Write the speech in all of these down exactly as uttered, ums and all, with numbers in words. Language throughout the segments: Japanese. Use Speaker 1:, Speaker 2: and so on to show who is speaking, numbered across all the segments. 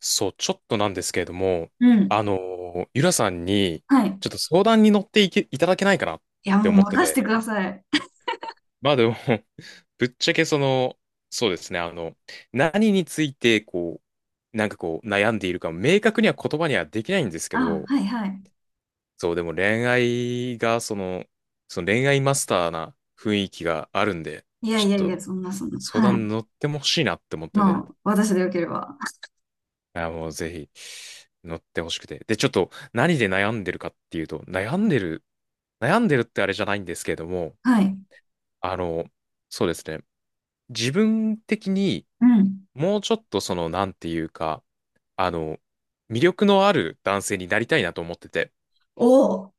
Speaker 1: そう、ちょっとなんですけれども、
Speaker 2: うん。
Speaker 1: あのー、ゆらさんに、
Speaker 2: はい。
Speaker 1: ちょっと相談に乗っていけ、いただけないかなっ
Speaker 2: いや、
Speaker 1: て
Speaker 2: もう
Speaker 1: 思って
Speaker 2: 任せて
Speaker 1: て。
Speaker 2: ください。
Speaker 1: まあでも ぶっちゃけその、そうですね、あの、何について、こう、なんかこう、悩んでいるか、明確には言葉にはできないんですけ
Speaker 2: あ、
Speaker 1: ど、
Speaker 2: はいはい。
Speaker 1: そう、でも恋愛が、その、その恋愛マスターな雰囲気があるんで、
Speaker 2: いや
Speaker 1: ちょ
Speaker 2: い
Speaker 1: っ
Speaker 2: やいや、
Speaker 1: と
Speaker 2: そんなそんな。
Speaker 1: 相
Speaker 2: は
Speaker 1: 談
Speaker 2: い。
Speaker 1: に乗ってもほしいなって思って
Speaker 2: ま
Speaker 1: て。
Speaker 2: あ、私でよければ。
Speaker 1: あもうぜひ乗ってほしくて。で、ちょっと何で悩んでるかっていうと、悩んでる、悩んでるってあれじゃないんですけれども、
Speaker 2: はい。
Speaker 1: あの、そうですね。自分的に
Speaker 2: うん。
Speaker 1: もうちょっとその、なんていうか、あの、魅力のある男性になりたいなと思ってて。
Speaker 2: おお、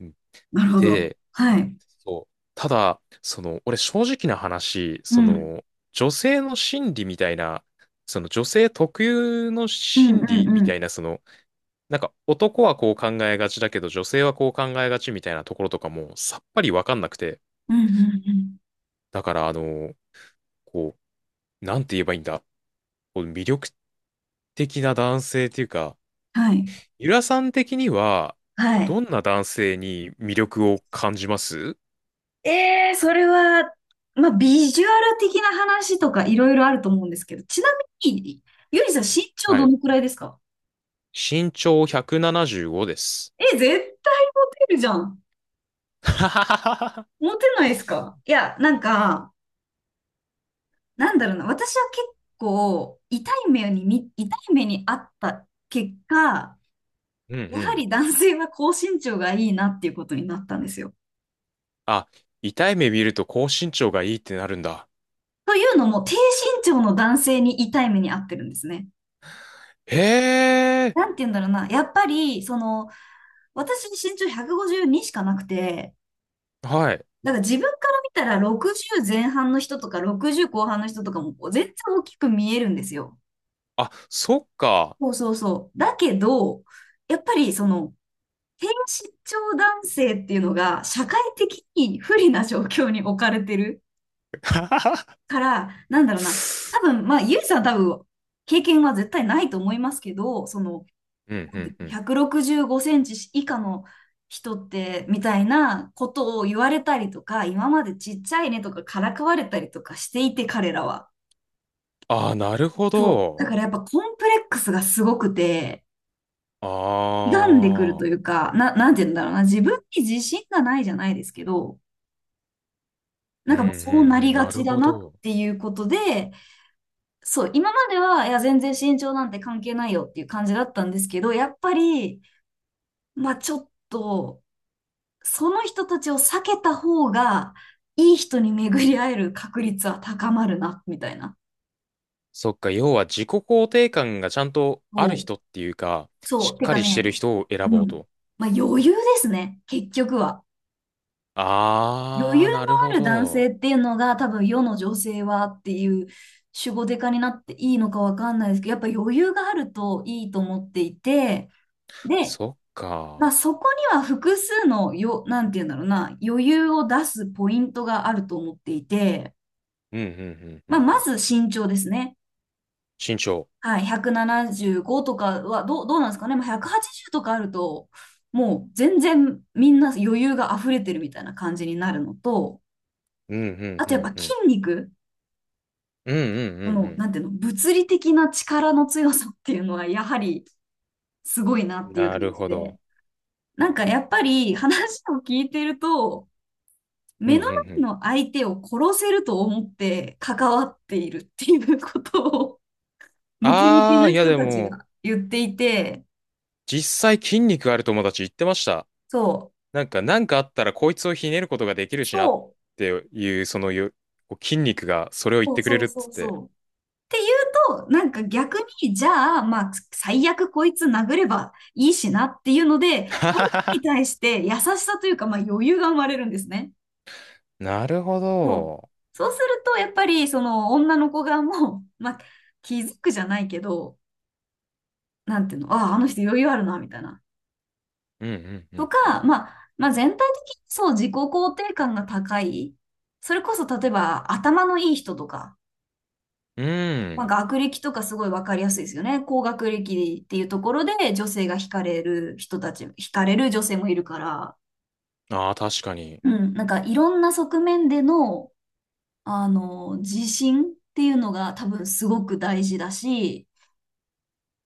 Speaker 1: うん
Speaker 2: なるほど。
Speaker 1: で、
Speaker 2: はい。
Speaker 1: そう。ただ、その、俺正直な話、
Speaker 2: う
Speaker 1: そ
Speaker 2: ん。
Speaker 1: の、女性の心理みたいな、その女性特有の
Speaker 2: うんう
Speaker 1: 心
Speaker 2: ん
Speaker 1: 理
Speaker 2: う
Speaker 1: みた
Speaker 2: ん。
Speaker 1: いな、その、なんか男はこう考えがちだけど女性はこう考えがちみたいなところとかもさっぱりわかんなくて。
Speaker 2: うんうんうん。
Speaker 1: だからあの、こう、なんて言えばいいんだ。こう魅力的な男性っていうか、
Speaker 2: はい。
Speaker 1: ゆらさん的には
Speaker 2: はい。
Speaker 1: どんな男性に魅力を感じます？
Speaker 2: えー、それは、まあ、ビジュアル的な話とかいろいろあると思うんですけど、ちなみに、ゆりさん身長
Speaker 1: は
Speaker 2: ど
Speaker 1: い。
Speaker 2: のくらいですか？
Speaker 1: 身長ひゃくななじゅうごです。
Speaker 2: え、絶対モテるじゃん。モテないですか？いや、なんか、なんだろうな、私は結構痛い目に見、痛い目にあった結果、
Speaker 1: うんう
Speaker 2: やは
Speaker 1: ん。
Speaker 2: り男性は高身長がいいなっていうことになったんですよ。
Speaker 1: あ、痛い目見ると高身長がいいってなるんだ。
Speaker 2: というのも、低身長の男性に痛い目にあってるんですね。
Speaker 1: へえ。
Speaker 2: なんて言うんだろうな、やっぱり、その、私身長ひゃくごじゅうにしかなくて、
Speaker 1: はい。
Speaker 2: だから自分から見たらろくじゅう前半の人とかろくじゅう後半の人とかもこう全然大きく見えるんですよ。
Speaker 1: あ、そっか。
Speaker 2: そうそうそう。だけど、やっぱりその、低身長男性っていうのが社会的に不利な状況に置かれてる から、なんだろうな。多分、まあ、ゆいさんは多分、経験は絶対ないと思いますけど、その、
Speaker 1: うんう
Speaker 2: なんてい
Speaker 1: ん
Speaker 2: うの
Speaker 1: うん。
Speaker 2: ひゃくろくじゅうごセンチ以下の人って、みたいなことを言われたりとか、今までちっちゃいねとかからかわれたりとかしていて、彼らは。
Speaker 1: ああ、なるほ
Speaker 2: そう。
Speaker 1: ど。
Speaker 2: だからやっぱコンプレックスがすごくて、歪んでくる
Speaker 1: あ
Speaker 2: と
Speaker 1: あ、
Speaker 2: いうか、な、なんて言うんだろうな。自分に自信がないじゃないですけど、な
Speaker 1: う
Speaker 2: ん
Speaker 1: んう
Speaker 2: かもうそう
Speaker 1: ん
Speaker 2: な
Speaker 1: う
Speaker 2: り
Speaker 1: ん、
Speaker 2: が
Speaker 1: なる
Speaker 2: ちだ
Speaker 1: ほ
Speaker 2: なっ
Speaker 1: ど。
Speaker 2: ていうことで、そう、今までは、いや、全然身長なんて関係ないよっていう感じだったんですけど、やっぱり、まあちょっと、その人たちを避けた方が、いい人に巡り会える確率は高まるな、みたいな。
Speaker 1: そっか、要は自己肯定感がちゃんとあ
Speaker 2: そ
Speaker 1: る
Speaker 2: う。
Speaker 1: 人っていうか、
Speaker 2: そ
Speaker 1: し
Speaker 2: う。
Speaker 1: っ
Speaker 2: て
Speaker 1: か
Speaker 2: か
Speaker 1: りしてる
Speaker 2: ね、
Speaker 1: 人を選
Speaker 2: う
Speaker 1: ぼう
Speaker 2: ん。
Speaker 1: と。
Speaker 2: まあ余裕ですね、結局は。余
Speaker 1: あ
Speaker 2: 裕
Speaker 1: あ、
Speaker 2: の
Speaker 1: なる
Speaker 2: あ
Speaker 1: ほ
Speaker 2: る男
Speaker 1: ど。
Speaker 2: 性っていうのが多分世の女性はっていう、主語デカになっていいのかわかんないですけど、やっぱ余裕があるといいと思っていて、で、
Speaker 1: そっ
Speaker 2: まあ
Speaker 1: か。
Speaker 2: そこには複数のよ、なんて言うんだろうな、余裕を出すポイントがあると思っていて、
Speaker 1: うんうんうんう
Speaker 2: まあ
Speaker 1: んう
Speaker 2: ま
Speaker 1: ん。
Speaker 2: ず身長ですね。
Speaker 1: 身長。
Speaker 2: はい、ひゃくななじゅうごとかはどう、どうなんですかね。まあひゃくはちじゅうとかあると、もう全然みんな余裕が溢れてるみたいな感じになるのと、
Speaker 1: うんうん
Speaker 2: あ
Speaker 1: う
Speaker 2: とやっぱ
Speaker 1: んう
Speaker 2: 筋
Speaker 1: ん。
Speaker 2: 肉。
Speaker 1: うんう
Speaker 2: こ
Speaker 1: んう
Speaker 2: の、
Speaker 1: ん
Speaker 2: なんていうの、物理的な力の強さっていうのは、やはりすごいな
Speaker 1: う
Speaker 2: っ
Speaker 1: ん。
Speaker 2: ていう
Speaker 1: な
Speaker 2: 感
Speaker 1: る
Speaker 2: じ
Speaker 1: ほど。
Speaker 2: で、なんかやっぱり話を聞いてると、
Speaker 1: うんう
Speaker 2: 目
Speaker 1: ん
Speaker 2: の
Speaker 1: う
Speaker 2: 前
Speaker 1: ん。
Speaker 2: の相手を殺せると思って関わっているっていうことを、ムキムキ
Speaker 1: ああ、
Speaker 2: な
Speaker 1: いや
Speaker 2: 人
Speaker 1: で
Speaker 2: たち
Speaker 1: も、
Speaker 2: が言っていて、
Speaker 1: 実際筋肉ある友達言ってました。
Speaker 2: そう、
Speaker 1: なんか、なんかあったらこいつをひねることができるしなっ
Speaker 2: そ
Speaker 1: ていう、そのよ、こう筋肉がそれを言っ
Speaker 2: う、そう
Speaker 1: てくれ
Speaker 2: そう
Speaker 1: るっ
Speaker 2: そ
Speaker 1: つっ
Speaker 2: うそ
Speaker 1: て。
Speaker 2: う。と、なんか逆に、じゃあ、まあ、最悪こいつ殴ればいいしなっていうので、相
Speaker 1: ははは
Speaker 2: 手に
Speaker 1: は。
Speaker 2: 対して優しさというか、まあ余裕が生まれるんですね。
Speaker 1: なるほ
Speaker 2: そう。
Speaker 1: ど。
Speaker 2: そうすると、やっぱり、その、女の子側も、まあ、気づくじゃないけど、なんていうの、ああ、あの人余裕あるな、みたいな。
Speaker 1: うんうんう
Speaker 2: と
Speaker 1: ん
Speaker 2: か、
Speaker 1: うん。
Speaker 2: まあ、まあ、全体的にそう、自己肯定感が高い。それこそ、例えば、頭のいい人とか、
Speaker 1: う
Speaker 2: まあ、
Speaker 1: ん。
Speaker 2: 学歴とかすごいわかりやすいですよね。高学歴っていうところで、女性が惹かれる人たち、惹かれる女性もいるから、
Speaker 1: ああ、確かに。
Speaker 2: うん、なんか、いろんな側面での、あの、自信っていうのが多分すごく大事だし、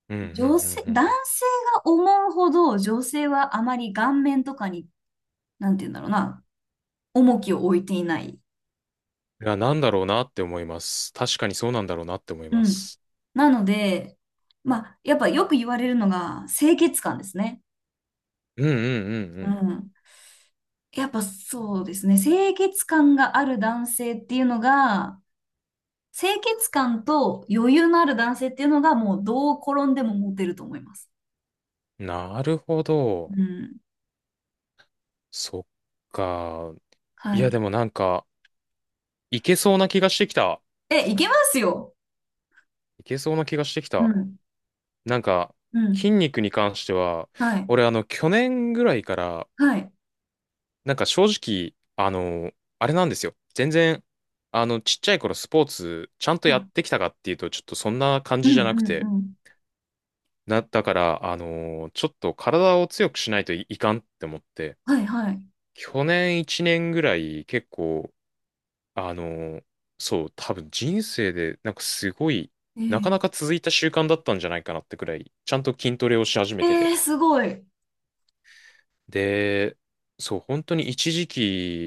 Speaker 1: うんうん
Speaker 2: 女
Speaker 1: うん
Speaker 2: 性、
Speaker 1: うん
Speaker 2: 男
Speaker 1: うん。い
Speaker 2: 性が思うほど女性はあまり顔面とかに、なんて言うんだろうな、重きを置いていない。
Speaker 1: や、なんだろうなって思います。確かにそうなんだろうなって思い
Speaker 2: う
Speaker 1: ま
Speaker 2: ん。
Speaker 1: す。
Speaker 2: なので、まあ、やっぱよく言われるのが清潔感ですね。
Speaker 1: うんうんう
Speaker 2: う
Speaker 1: ん
Speaker 2: ん。やっぱそうですね。清潔感がある男性っていうのが、清潔感と余裕のある男性っていうのがもうどう転んでもモテると思います。
Speaker 1: うん。なるほど。
Speaker 2: うん。
Speaker 1: そっか。い
Speaker 2: は
Speaker 1: や、
Speaker 2: い。
Speaker 1: でもなんか、いけそうな気がしてきた。
Speaker 2: え、いけますよ。
Speaker 1: いけそうな気がしてき
Speaker 2: う
Speaker 1: た。
Speaker 2: ん。
Speaker 1: なんか、
Speaker 2: うん。
Speaker 1: 筋肉に関しては、
Speaker 2: はい。
Speaker 1: 俺あの、去年ぐらいから、
Speaker 2: はい。
Speaker 1: なんか正直、あの、あれなんですよ。全然、あの、ちっちゃい頃スポーツ、ちゃんとや
Speaker 2: あ、
Speaker 1: ってきたかっていうと、ちょっとそんな感
Speaker 2: う
Speaker 1: じ
Speaker 2: ん
Speaker 1: じゃ
Speaker 2: う
Speaker 1: なく
Speaker 2: んう
Speaker 1: て、
Speaker 2: ん。
Speaker 1: な、だから、あの、ちょっと体を強くしないとい、いかんって思って、
Speaker 2: はいはい。
Speaker 1: 去年いちねんぐらい結構、あの、そう、多分人生で、なんかすごい、なかな
Speaker 2: え
Speaker 1: か続いた習慣だったんじゃないかなってくらい、ちゃんと筋トレをし始めて
Speaker 2: ええ
Speaker 1: て。
Speaker 2: ー、すごい。
Speaker 1: で、そう、本当に一時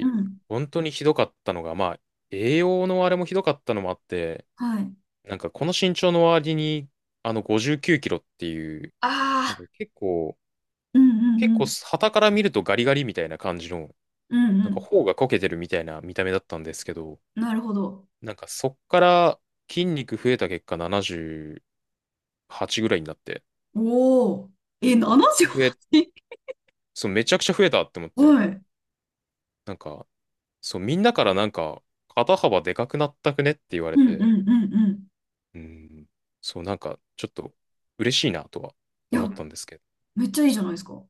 Speaker 2: うん。
Speaker 1: 本当にひどかったのが、まあ、栄養のあれもひどかったのもあって、
Speaker 2: はい。
Speaker 1: なんかこの身長の割に、あの、ごじゅうきゅうキロっていう、なん
Speaker 2: あ
Speaker 1: か
Speaker 2: あ、
Speaker 1: 結構、
Speaker 2: うんう
Speaker 1: 結
Speaker 2: んう
Speaker 1: 構、
Speaker 2: ん。
Speaker 1: 傍から見るとガリガリみたいな感じの、
Speaker 2: うん
Speaker 1: なんか
Speaker 2: う
Speaker 1: 頬がこけてるみたいな見た目だったんですけど、
Speaker 2: ん。なるほど。
Speaker 1: なんかそっから筋肉増えた結果ななじゅうはちぐらいになって、
Speaker 2: おお。え、
Speaker 1: 増え、
Speaker 2: ななじゅうはち？ はち
Speaker 1: そう、めちゃくちゃ増えたって思っ て、
Speaker 2: はい。
Speaker 1: なんか、そう、みんなからなんか、肩幅でかくなったくねって言われ
Speaker 2: うんうんう
Speaker 1: て、
Speaker 2: んうん。
Speaker 1: うん。そう、なんか、ちょっと嬉しいなとは
Speaker 2: い
Speaker 1: 思っ
Speaker 2: や、
Speaker 1: たんですけど。
Speaker 2: めっちゃいいじゃないですか。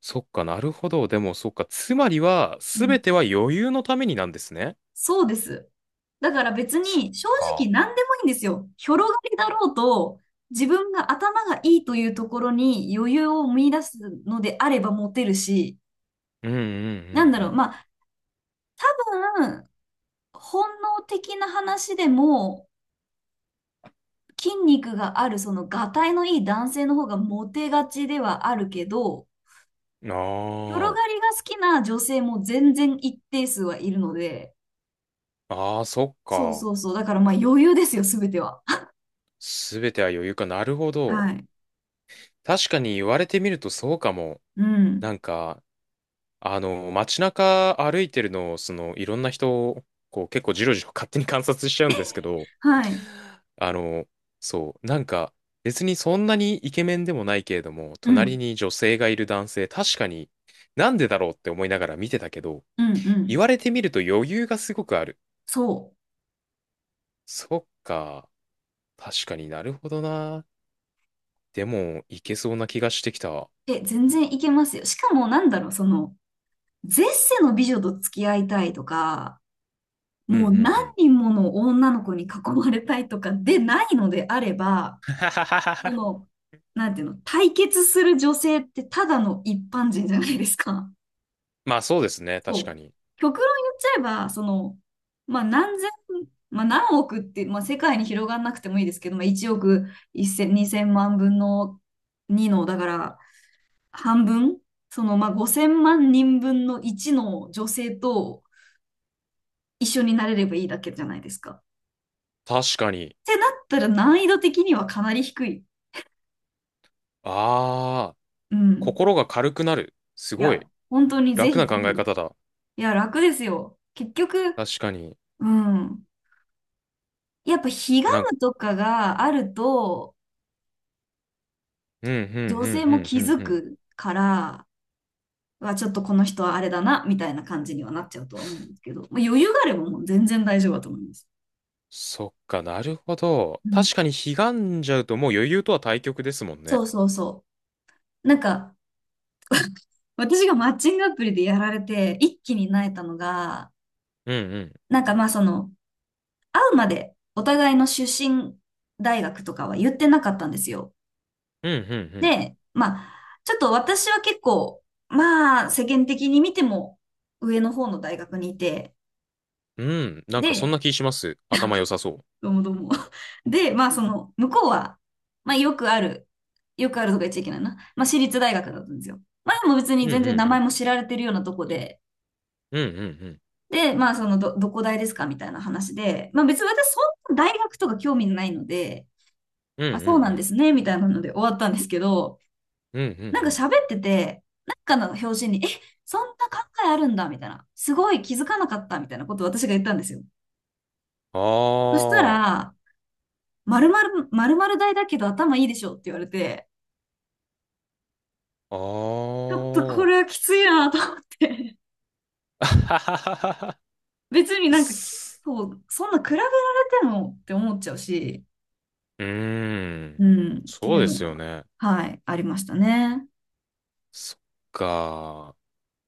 Speaker 1: そっかなるほど。でも、そっか。つまりは、
Speaker 2: う
Speaker 1: すべ
Speaker 2: ん。
Speaker 1: ては余裕のためになんですね。
Speaker 2: そうです。だから別
Speaker 1: そっ
Speaker 2: に正直
Speaker 1: か。
Speaker 2: 何でもいいんですよ。広がりだろうと、自分が頭がいいというところに余裕を見出すのであればモテるし、
Speaker 1: うんう
Speaker 2: なんだろう。
Speaker 1: ん
Speaker 2: まあ、多分本能的な話でも、筋肉がある、その、がたいのいい男性の方がモテがちではあるけど、
Speaker 1: うんうん。
Speaker 2: 広
Speaker 1: あ
Speaker 2: がりが好きな女性も全然一定数はいるので、
Speaker 1: あ。ああ、そっ
Speaker 2: そう
Speaker 1: か。
Speaker 2: そうそう。だからまあ余裕ですよ、すべては。
Speaker 1: すべては余裕か。なるほ
Speaker 2: は
Speaker 1: ど。
Speaker 2: い。
Speaker 1: 確かに言われてみるとそうかも。
Speaker 2: うん。
Speaker 1: なんか、あの、街中歩いてるのを、その、いろんな人こう、結構じろじろ勝手に観察しちゃうんですけど、
Speaker 2: はい。
Speaker 1: あの、そう、なんか、別にそんなにイケメンでもないけれども、
Speaker 2: う
Speaker 1: 隣
Speaker 2: ん。
Speaker 1: に女性がいる男性、確かになんでだろうって思いながら見てたけど、
Speaker 2: うん。う
Speaker 1: 言
Speaker 2: ん。
Speaker 1: われてみると余裕がすごくある。
Speaker 2: そ
Speaker 1: そっか、確かになるほどな。でも、いけそうな気がしてきた。
Speaker 2: う。え、全然いけますよ。しかもなんだろう、その、絶世の美女と付き合いたいとか、
Speaker 1: うんう
Speaker 2: もう
Speaker 1: ん
Speaker 2: 何
Speaker 1: うん。
Speaker 2: 人もの女の子に囲まれたいとかでないのであれば、その、なんていうの、対決する女性ってただの一般人じゃないですか。
Speaker 1: まあそうですね、確
Speaker 2: そ
Speaker 1: か
Speaker 2: う。
Speaker 1: に。
Speaker 2: 極論言っちゃえば、その、まあ何千、まあ何億って、まあ世界に広がんなくてもいいですけど、まあいちおくいち ぜろ ぜろせんにせんまんぶんのにの、だから半分、そのまあごせんまん人分のいちの女性と一緒になれればいいだけじゃないですか。っ
Speaker 1: 確かに。
Speaker 2: てなったら難易度的にはかなり低い。
Speaker 1: ああ。
Speaker 2: うん。
Speaker 1: 心が軽くなる。す
Speaker 2: い
Speaker 1: ごい。
Speaker 2: や、本当にぜ
Speaker 1: 楽な
Speaker 2: ひぜ
Speaker 1: 考
Speaker 2: ひ。
Speaker 1: え
Speaker 2: い
Speaker 1: 方だ。
Speaker 2: や、楽ですよ。結局、
Speaker 1: 確かに。
Speaker 2: うん。やっぱ、彼岸
Speaker 1: なん、
Speaker 2: とかがあると、
Speaker 1: うん、うん、う
Speaker 2: 女性
Speaker 1: ん、う
Speaker 2: も
Speaker 1: ん、
Speaker 2: 気
Speaker 1: うん、
Speaker 2: づ
Speaker 1: うん。
Speaker 2: くから、はちょっとこの人はあれだな、みたいな感じにはなっちゃうとは思うんですけど、まあ、余裕があればもう全然大丈夫だと思います。
Speaker 1: そっか、なるほど。
Speaker 2: うん。
Speaker 1: 確かに、悲願じゃうともう余裕とは対極ですもん
Speaker 2: そ
Speaker 1: ね。
Speaker 2: うそうそう。なんか、私がマッチングアプリでやられて、一気になえたのが、
Speaker 1: うん、うん。
Speaker 2: なんかまあ、その、会うまでお互いの出身大学とかは言ってなかったんですよ。
Speaker 1: うん、うん、
Speaker 2: で、まあ、ちょっと私は結構、まあ、世間的に見ても上の方の大学にいて、
Speaker 1: うん。うん、なんかそん
Speaker 2: で、
Speaker 1: な気します。頭良さそう。
Speaker 2: どうもどうも。で、まあ、その、向こうは、まあ、よくある、よくあるとか言っちゃいけないな。まあ、私立大学だったんですよ。まあ、でも別
Speaker 1: う
Speaker 2: に
Speaker 1: ん、う
Speaker 2: 全
Speaker 1: ん、
Speaker 2: 然名
Speaker 1: う
Speaker 2: 前
Speaker 1: ん。
Speaker 2: も知られてるようなとこで、
Speaker 1: うん、うん、うん。
Speaker 2: で、まあ、その、ど、どこ大ですかみたいな話で、まあ、別に私、そんな大学とか興味ないので、
Speaker 1: うん、うん、
Speaker 2: あ、そ
Speaker 1: う
Speaker 2: うなんで
Speaker 1: ん。
Speaker 2: すね、みたいなので終わったんですけど、
Speaker 1: うん、うん、う
Speaker 2: なんか
Speaker 1: ん。
Speaker 2: 喋ってて、なんかの表紙に、え、そんな考えあるんだ、みたいな。すごい気づかなかった、みたいなことを私が言ったんですよ。
Speaker 1: あ
Speaker 2: そした
Speaker 1: ー。
Speaker 2: ら、〇〇、〇〇大だけど頭いいでしょって言われて、
Speaker 1: あ
Speaker 2: ちょっとこ
Speaker 1: ー。
Speaker 2: れはきついなと思って。
Speaker 1: あはははは。
Speaker 2: 別になんか、そう、そんな比べられてもって思っちゃうし、
Speaker 1: うーん。
Speaker 2: うん、って
Speaker 1: そ
Speaker 2: い
Speaker 1: う
Speaker 2: う
Speaker 1: で
Speaker 2: の
Speaker 1: すよ
Speaker 2: が、
Speaker 1: ね。
Speaker 2: はい、ありましたね。
Speaker 1: そっか。